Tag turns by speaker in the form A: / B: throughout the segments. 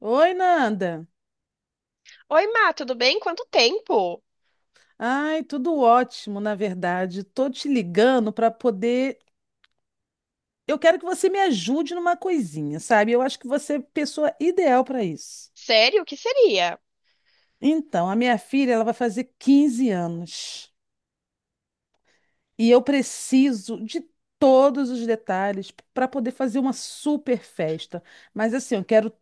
A: Oi, Nanda.
B: Oi, Má, tudo bem? Quanto tempo?
A: Ai, tudo ótimo, na verdade. Tô te ligando para poder. Eu quero que você me ajude numa coisinha, sabe? Eu acho que você é a pessoa ideal para isso.
B: Sério, o que seria?
A: Então, a minha filha, ela vai fazer 15 anos e eu preciso de todos os detalhes para poder fazer uma super festa. Mas assim, eu quero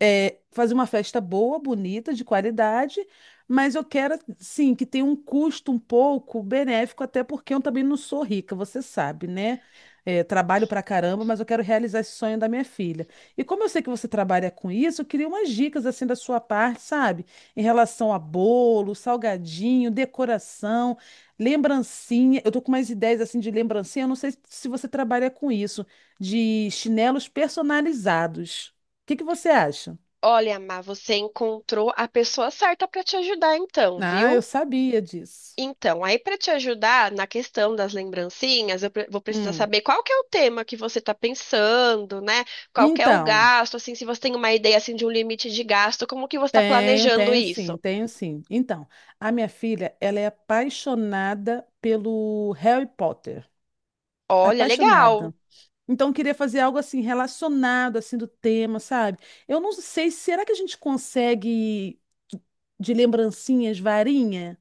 A: fazer uma festa boa, bonita, de qualidade, mas eu quero, sim, que tenha um custo um pouco benéfico, até porque eu também não sou rica, você sabe, né? É, trabalho pra caramba, mas eu quero realizar esse sonho da minha filha. E como eu sei que você trabalha com isso, eu queria umas dicas assim da sua parte, sabe? Em relação a bolo, salgadinho, decoração, lembrancinha. Eu tô com umas ideias assim de lembrancinha, eu não sei se você trabalha com isso, de chinelos personalizados. O que que você acha?
B: Olha, Má, você encontrou a pessoa certa para te ajudar, então,
A: Ah, eu
B: viu?
A: sabia disso.
B: Então, aí para te ajudar na questão das lembrancinhas, vou precisar
A: Hum.
B: saber qual que é o tema que você está pensando, né? Qual que é o
A: Então,
B: gasto, assim, se você tem uma ideia assim de um limite de gasto, como que você está
A: tenho,
B: planejando
A: tenho
B: isso?
A: sim, tenho sim. Então, a minha filha, ela é apaixonada pelo Harry Potter.
B: Olha, legal.
A: Apaixonada. Então, eu queria fazer algo assim relacionado assim do tema, sabe? Eu não sei, será que a gente consegue de lembrancinhas, varinha?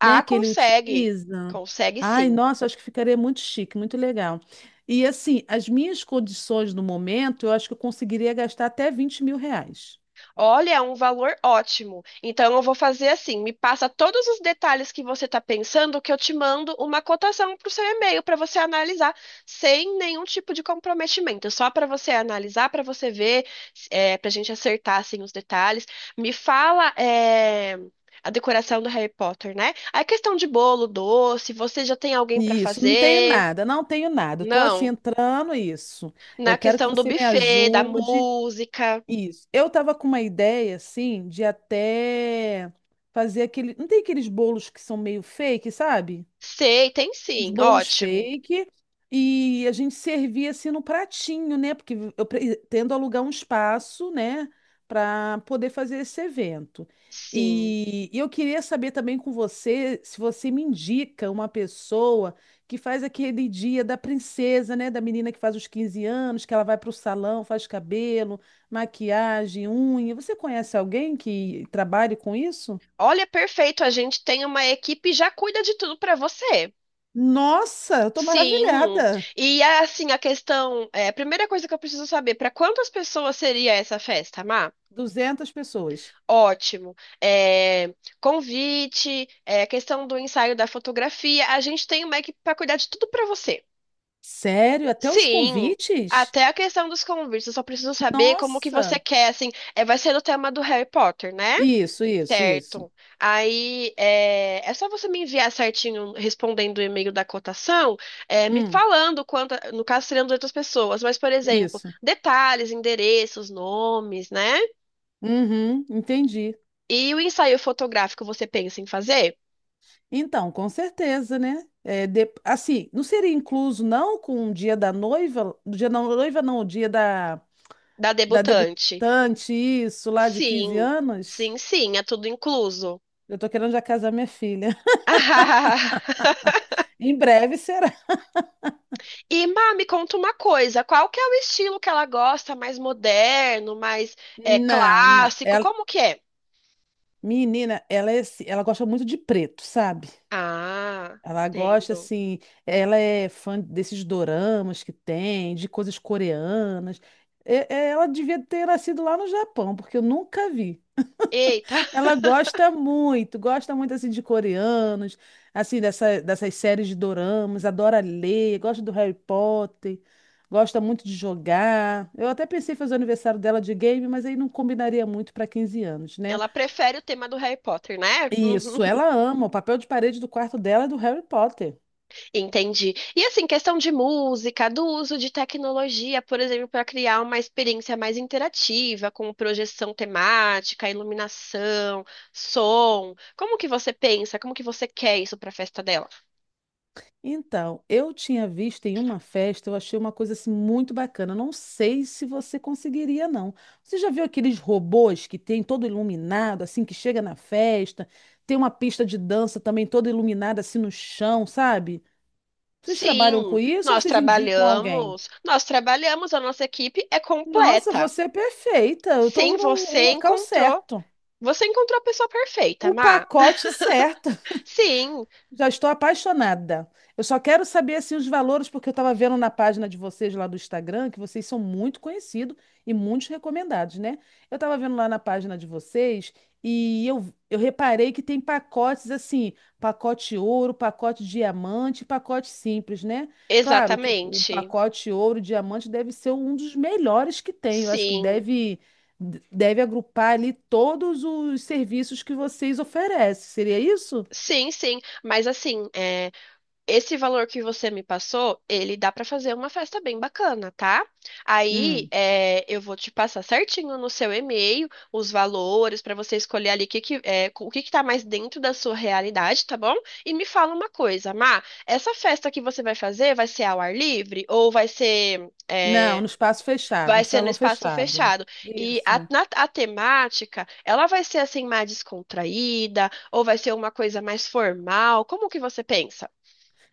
A: Né,
B: Ah,
A: que ele
B: consegue.
A: utiliza.
B: Consegue
A: Ai,
B: sim.
A: nossa, acho que ficaria muito chique, muito legal. E assim, as minhas condições no momento, eu acho que eu conseguiria gastar até 20 mil reais.
B: Olha, é um valor ótimo. Então eu vou fazer assim, me passa todos os detalhes que você está pensando, que eu te mando uma cotação para o seu e-mail para você analisar sem nenhum tipo de comprometimento, só para você analisar, para você ver, para a gente acertar assim os detalhes. Me fala, a decoração do Harry Potter, né? A questão de bolo, doce, você já tem alguém para
A: Isso, não tenho
B: fazer?
A: nada, não tenho nada. Estou assim
B: Não.
A: entrando isso.
B: Na
A: Eu quero que
B: questão do
A: você me
B: buffet, da
A: ajude.
B: música,
A: Isso. Eu estava com uma ideia assim de até fazer aquele, não tem aqueles bolos que são meio fake, sabe?
B: sei, tem
A: Os
B: sim.
A: bolos
B: Ótimo.
A: fake e a gente servia assim no pratinho, né? Porque eu pretendo alugar um espaço, né, para poder fazer esse evento.
B: Sim.
A: E eu queria saber também com você se você me indica uma pessoa que faz aquele dia da princesa, né, da menina que faz os 15 anos, que ela vai para o salão, faz cabelo, maquiagem, unha. Você conhece alguém que trabalhe com isso?
B: Olha, perfeito. A gente tem uma equipe e já cuida de tudo para você.
A: Nossa, eu tô
B: Sim.
A: maravilhada.
B: E assim, a questão, a primeira coisa que eu preciso saber, para quantas pessoas seria essa festa, Má?
A: 200 pessoas.
B: Ótimo. É, convite, questão do ensaio da fotografia. A gente tem uma equipe para cuidar de tudo para você.
A: Sério? Até os
B: Sim.
A: convites?
B: Até a questão dos convites. Eu só preciso saber como que você
A: Nossa!
B: quer, assim, vai ser o tema do Harry Potter, né?
A: Isso, isso, isso.
B: Certo. É só você me enviar certinho, respondendo o e-mail da cotação, me
A: Hum,
B: falando quanto, no caso seriam de outras pessoas, mas, por exemplo,
A: isso.
B: detalhes, endereços, nomes, né?
A: Uhum, entendi.
B: E o ensaio fotográfico você pensa em fazer?
A: Então, com certeza, né? Assim, não seria incluso, não, com o dia da noiva? O dia da noiva, não, o dia da,
B: Da
A: da
B: debutante?
A: debutante, isso, lá de 15
B: Sim,
A: anos?
B: sim, sim, é tudo incluso.
A: Eu tô querendo já casar minha filha. Em breve será.
B: E, Má, me conta uma coisa, qual que é o estilo que ela gosta? Mais moderno, mais
A: Não, não.
B: clássico? Como que é?
A: Menina, ela, ela gosta muito de preto, sabe?
B: Ah,
A: Ela gosta,
B: entendo.
A: assim, ela é fã desses doramas que tem, de coisas coreanas. Ela devia ter nascido lá no Japão, porque eu nunca vi.
B: Eita!
A: Ela gosta muito, assim, de coreanos, assim, dessas séries de doramas, adora ler, gosta do Harry Potter, gosta muito de jogar. Eu até pensei em fazer o aniversário dela de game, mas aí não combinaria muito para 15 anos, né?
B: Ela prefere o tema do Harry Potter, né? Uhum.
A: Isso, ela ama. O papel de parede do quarto dela é do Harry Potter.
B: Entendi. E assim, questão de música, do uso de tecnologia, por exemplo, para criar uma experiência mais interativa, com projeção temática, iluminação, som. Como que você pensa? Como que você quer isso para a festa dela?
A: Então, eu tinha visto em uma festa, eu achei uma coisa assim muito bacana. Não sei se você conseguiria, não. Você já viu aqueles robôs que tem todo iluminado, assim, que chega na festa? Tem uma pista de dança também toda iluminada, assim, no chão, sabe? Vocês trabalham com
B: Sim,
A: isso ou
B: nós
A: vocês indicam alguém?
B: trabalhamos, nós trabalhamos, a nossa equipe é
A: Nossa,
B: completa.
A: você é perfeita. Eu estou
B: Sim,
A: no
B: você
A: local
B: encontrou,
A: certo.
B: você encontrou a pessoa perfeita,
A: O
B: Má.
A: pacote certo.
B: Sim,
A: Já estou apaixonada. Eu só quero saber assim os valores, porque eu estava vendo na página de vocês lá do Instagram que vocês são muito conhecidos e muito recomendados, né? Eu estava vendo lá na página de vocês e eu reparei que tem pacotes assim, pacote ouro, pacote diamante, pacote simples, né? Claro que o
B: exatamente.
A: pacote ouro, diamante deve ser um dos melhores que tem. Eu acho que
B: Sim,
A: deve agrupar ali todos os serviços que vocês oferecem. Seria isso?
B: sim, sim. Mas assim, esse valor que você me passou, ele dá pra fazer uma festa bem bacana, tá? Aí
A: Hum.
B: é, eu vou te passar certinho no seu e-mail os valores pra você escolher ali o que que tá mais dentro da sua realidade, tá bom? E me fala uma coisa, Má, essa festa que você vai fazer vai ser ao ar livre ou vai ser
A: Não, no
B: é,
A: espaço fechado, um
B: vai ser no
A: salão
B: espaço
A: fechado.
B: fechado. E a,
A: Isso.
B: a temática, ela vai ser assim mais descontraída ou vai ser uma coisa mais formal? Como que você pensa?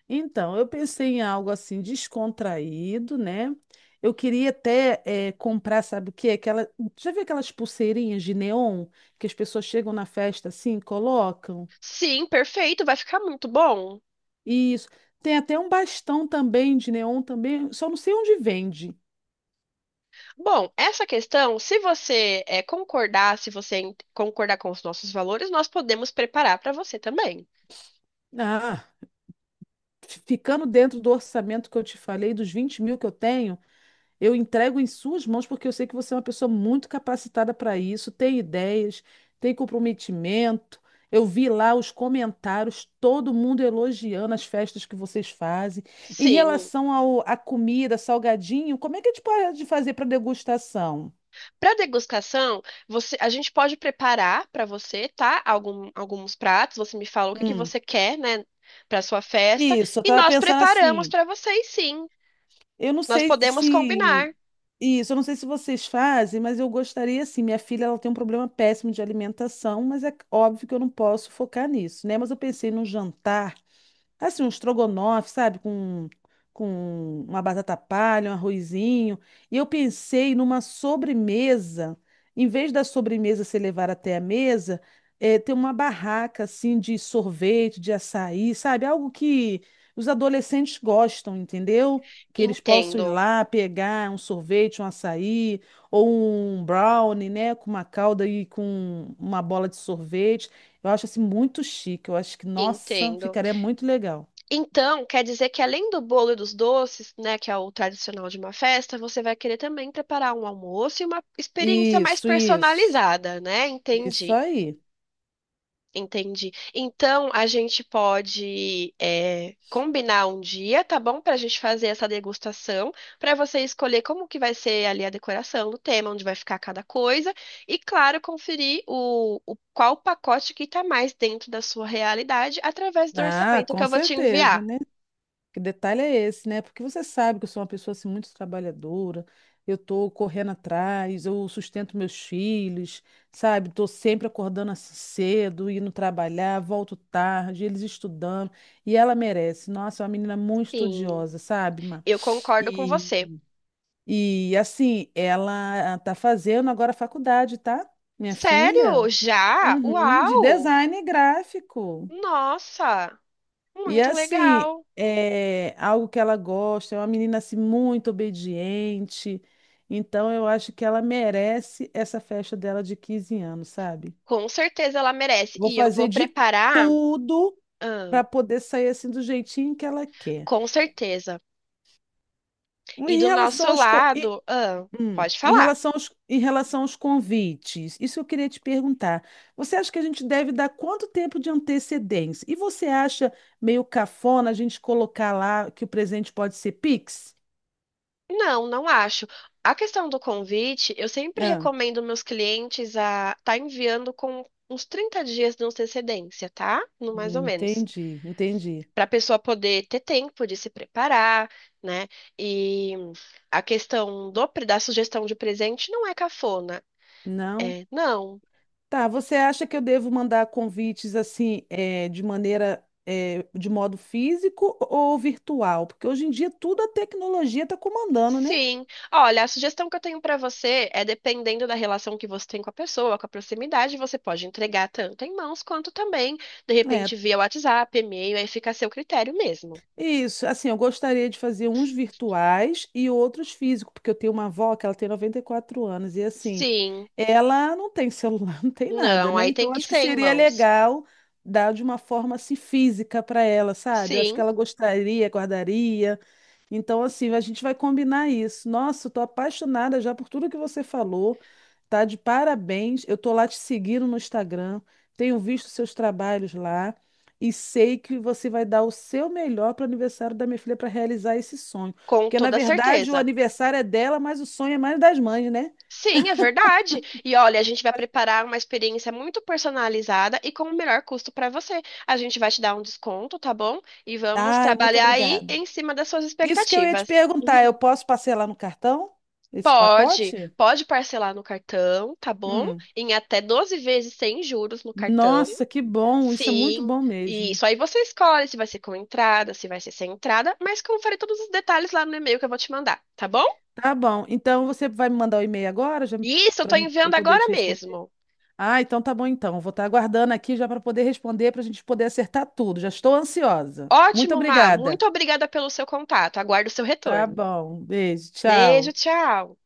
A: Então, eu pensei em algo assim descontraído, né? Eu queria até comprar, sabe o quê? Aquela, já viu aquelas pulseirinhas de neon que as pessoas chegam na festa assim, colocam?
B: Sim, perfeito, vai ficar muito bom.
A: Isso. Tem até um bastão também de neon também, só não sei onde vende.
B: Bom, essa questão, se você concordar, se você en- concordar com os nossos valores, nós podemos preparar para você também.
A: Ah, ficando dentro do orçamento que eu te falei, dos 20 mil que eu tenho, eu entrego em suas mãos porque eu sei que você é uma pessoa muito capacitada para isso, tem ideias, tem comprometimento. Eu vi lá os comentários, todo mundo elogiando as festas que vocês fazem. Em
B: Sim.
A: relação à comida, salgadinho, como é que a gente pode fazer para degustação?
B: Para degustação, a gente pode preparar para você, tá? Alguns pratos, você me fala o que que
A: Hum,
B: você quer, né, para sua festa,
A: isso, eu
B: e
A: estava
B: nós
A: pensando
B: preparamos
A: assim.
B: para vocês, sim.
A: Eu não
B: Nós
A: sei
B: podemos combinar.
A: se isso, eu não sei se vocês fazem, mas eu gostaria assim, minha filha ela tem um problema péssimo de alimentação, mas é óbvio que eu não posso focar nisso, né? Mas eu pensei num jantar. Assim, um estrogonofe, sabe? Com uma batata palha, um arrozinho. E eu pensei numa sobremesa. Em vez da sobremesa ser levar até a mesa, ter uma barraca, assim, de sorvete, de açaí, sabe? Algo que os adolescentes gostam, entendeu? Que eles possam ir
B: Entendo,
A: lá pegar um sorvete, um açaí, ou um brownie, né? Com uma calda e com uma bola de sorvete. Eu acho assim muito chique. Eu acho que, nossa,
B: entendo.
A: ficaria muito legal.
B: Então, quer dizer que além do bolo e dos doces, né, que é o tradicional de uma festa, você vai querer também preparar um almoço e uma experiência mais
A: Isso, isso.
B: personalizada, né?
A: Isso
B: Entendi.
A: aí.
B: Entendi. Então, a gente pode combinar um dia, tá bom? Pra gente fazer essa degustação, pra você escolher como que vai ser ali a decoração o tema, onde vai ficar cada coisa. E, claro, conferir qual pacote que tá mais dentro da sua realidade através do
A: Ah,
B: orçamento que
A: com
B: eu vou te
A: certeza,
B: enviar.
A: né? Que detalhe é esse, né? Porque você sabe que eu sou uma pessoa assim muito trabalhadora. Eu tô correndo atrás, eu sustento meus filhos, sabe? Tô sempre acordando assim cedo, indo trabalhar, volto tarde, eles estudando. E ela merece. Nossa, é uma menina muito
B: Sim,
A: estudiosa, sabe, Má?
B: eu concordo com você.
A: E assim, ela tá fazendo agora a faculdade, tá? Minha filha,
B: Sério? Já?
A: uhum, de
B: Uau!
A: design gráfico.
B: Nossa!
A: E
B: Muito
A: assim,
B: legal!
A: é algo que ela gosta, é uma menina assim muito obediente. Então eu acho que ela merece essa festa dela de 15 anos, sabe?
B: Com certeza ela merece.
A: Vou
B: E eu
A: fazer
B: vou
A: de
B: preparar.
A: tudo
B: Ah,
A: para poder sair assim do jeitinho que ela quer.
B: com certeza. E
A: Em
B: do
A: relação
B: nosso
A: aos co- e-
B: lado, ah, pode
A: Em
B: falar.
A: relação aos convites, isso eu queria te perguntar. Você acha que a gente deve dar quanto tempo de antecedência? E você acha meio cafona a gente colocar lá que o presente pode ser Pix?
B: Não, não acho. A questão do convite, eu sempre
A: Ah,
B: recomendo meus clientes a tá enviando com uns 30 dias de antecedência, tá? No mais ou menos.
A: entendi, entendi.
B: Para a pessoa poder ter tempo de se preparar, né? E a questão do, da sugestão de presente não é cafona.
A: Não?
B: É, não,
A: Tá, você acha que eu devo mandar convites assim, de maneira, de modo físico ou virtual? Porque hoje em dia tudo a tecnologia está comandando, né?
B: sim. Olha, a sugestão que eu tenho para você é, dependendo da relação que você tem com a pessoa, com a proximidade, você pode entregar tanto em mãos quanto também, de
A: É,
B: repente, via WhatsApp, e-mail, aí fica a seu critério mesmo.
A: Isso, assim, eu gostaria de fazer uns virtuais e outros físicos, porque eu tenho uma avó que ela tem 94 anos e assim,
B: Sim.
A: ela não tem celular, não tem nada,
B: Não,
A: né?
B: aí tem
A: Então
B: que
A: acho que
B: ser em
A: seria
B: mãos.
A: legal dar de uma forma assim física para ela, sabe? Eu acho
B: Sim,
A: que ela gostaria, guardaria. Então, assim, a gente vai combinar isso. Nossa, eu tô apaixonada já por tudo que você falou. Tá de parabéns. Eu tô lá te seguindo no Instagram, tenho visto seus trabalhos lá e sei que você vai dar o seu melhor para o aniversário da minha filha para realizar esse sonho.
B: com
A: Porque, na
B: toda
A: verdade, o
B: certeza.
A: aniversário é dela, mas o sonho é mais das mães, né?
B: Sim, é verdade. E olha, a gente vai preparar uma experiência muito personalizada e com o melhor custo para você. A gente vai te dar um desconto, tá bom? E vamos
A: Ai, muito
B: trabalhar aí
A: obrigada.
B: em cima das suas
A: Isso que eu ia te
B: expectativas.
A: perguntar, eu posso parcelar no cartão esse
B: Pode,
A: pacote?
B: pode parcelar no cartão, tá bom?
A: Hum.
B: Em até 12 vezes sem juros no cartão.
A: Nossa, que bom! Isso é muito
B: Sim,
A: bom
B: e
A: mesmo.
B: isso aí você escolhe se vai ser com entrada, se vai ser sem entrada, mas confere todos os detalhes lá no e-mail que eu vou te mandar, tá bom?
A: Tá bom. Então você vai me mandar o e-mail agora, já
B: Isso, eu
A: para
B: tô
A: eu
B: enviando
A: poder te
B: agora
A: responder.
B: mesmo.
A: Ah, então tá bom então. Vou estar aguardando aqui já para poder responder, para a gente poder acertar tudo. Já estou ansiosa. Muito
B: Ótimo, Má,
A: obrigada.
B: muito obrigada pelo seu contato. Aguardo o seu
A: Tá
B: retorno.
A: bom. Beijo.
B: Beijo,
A: Tchau.
B: tchau.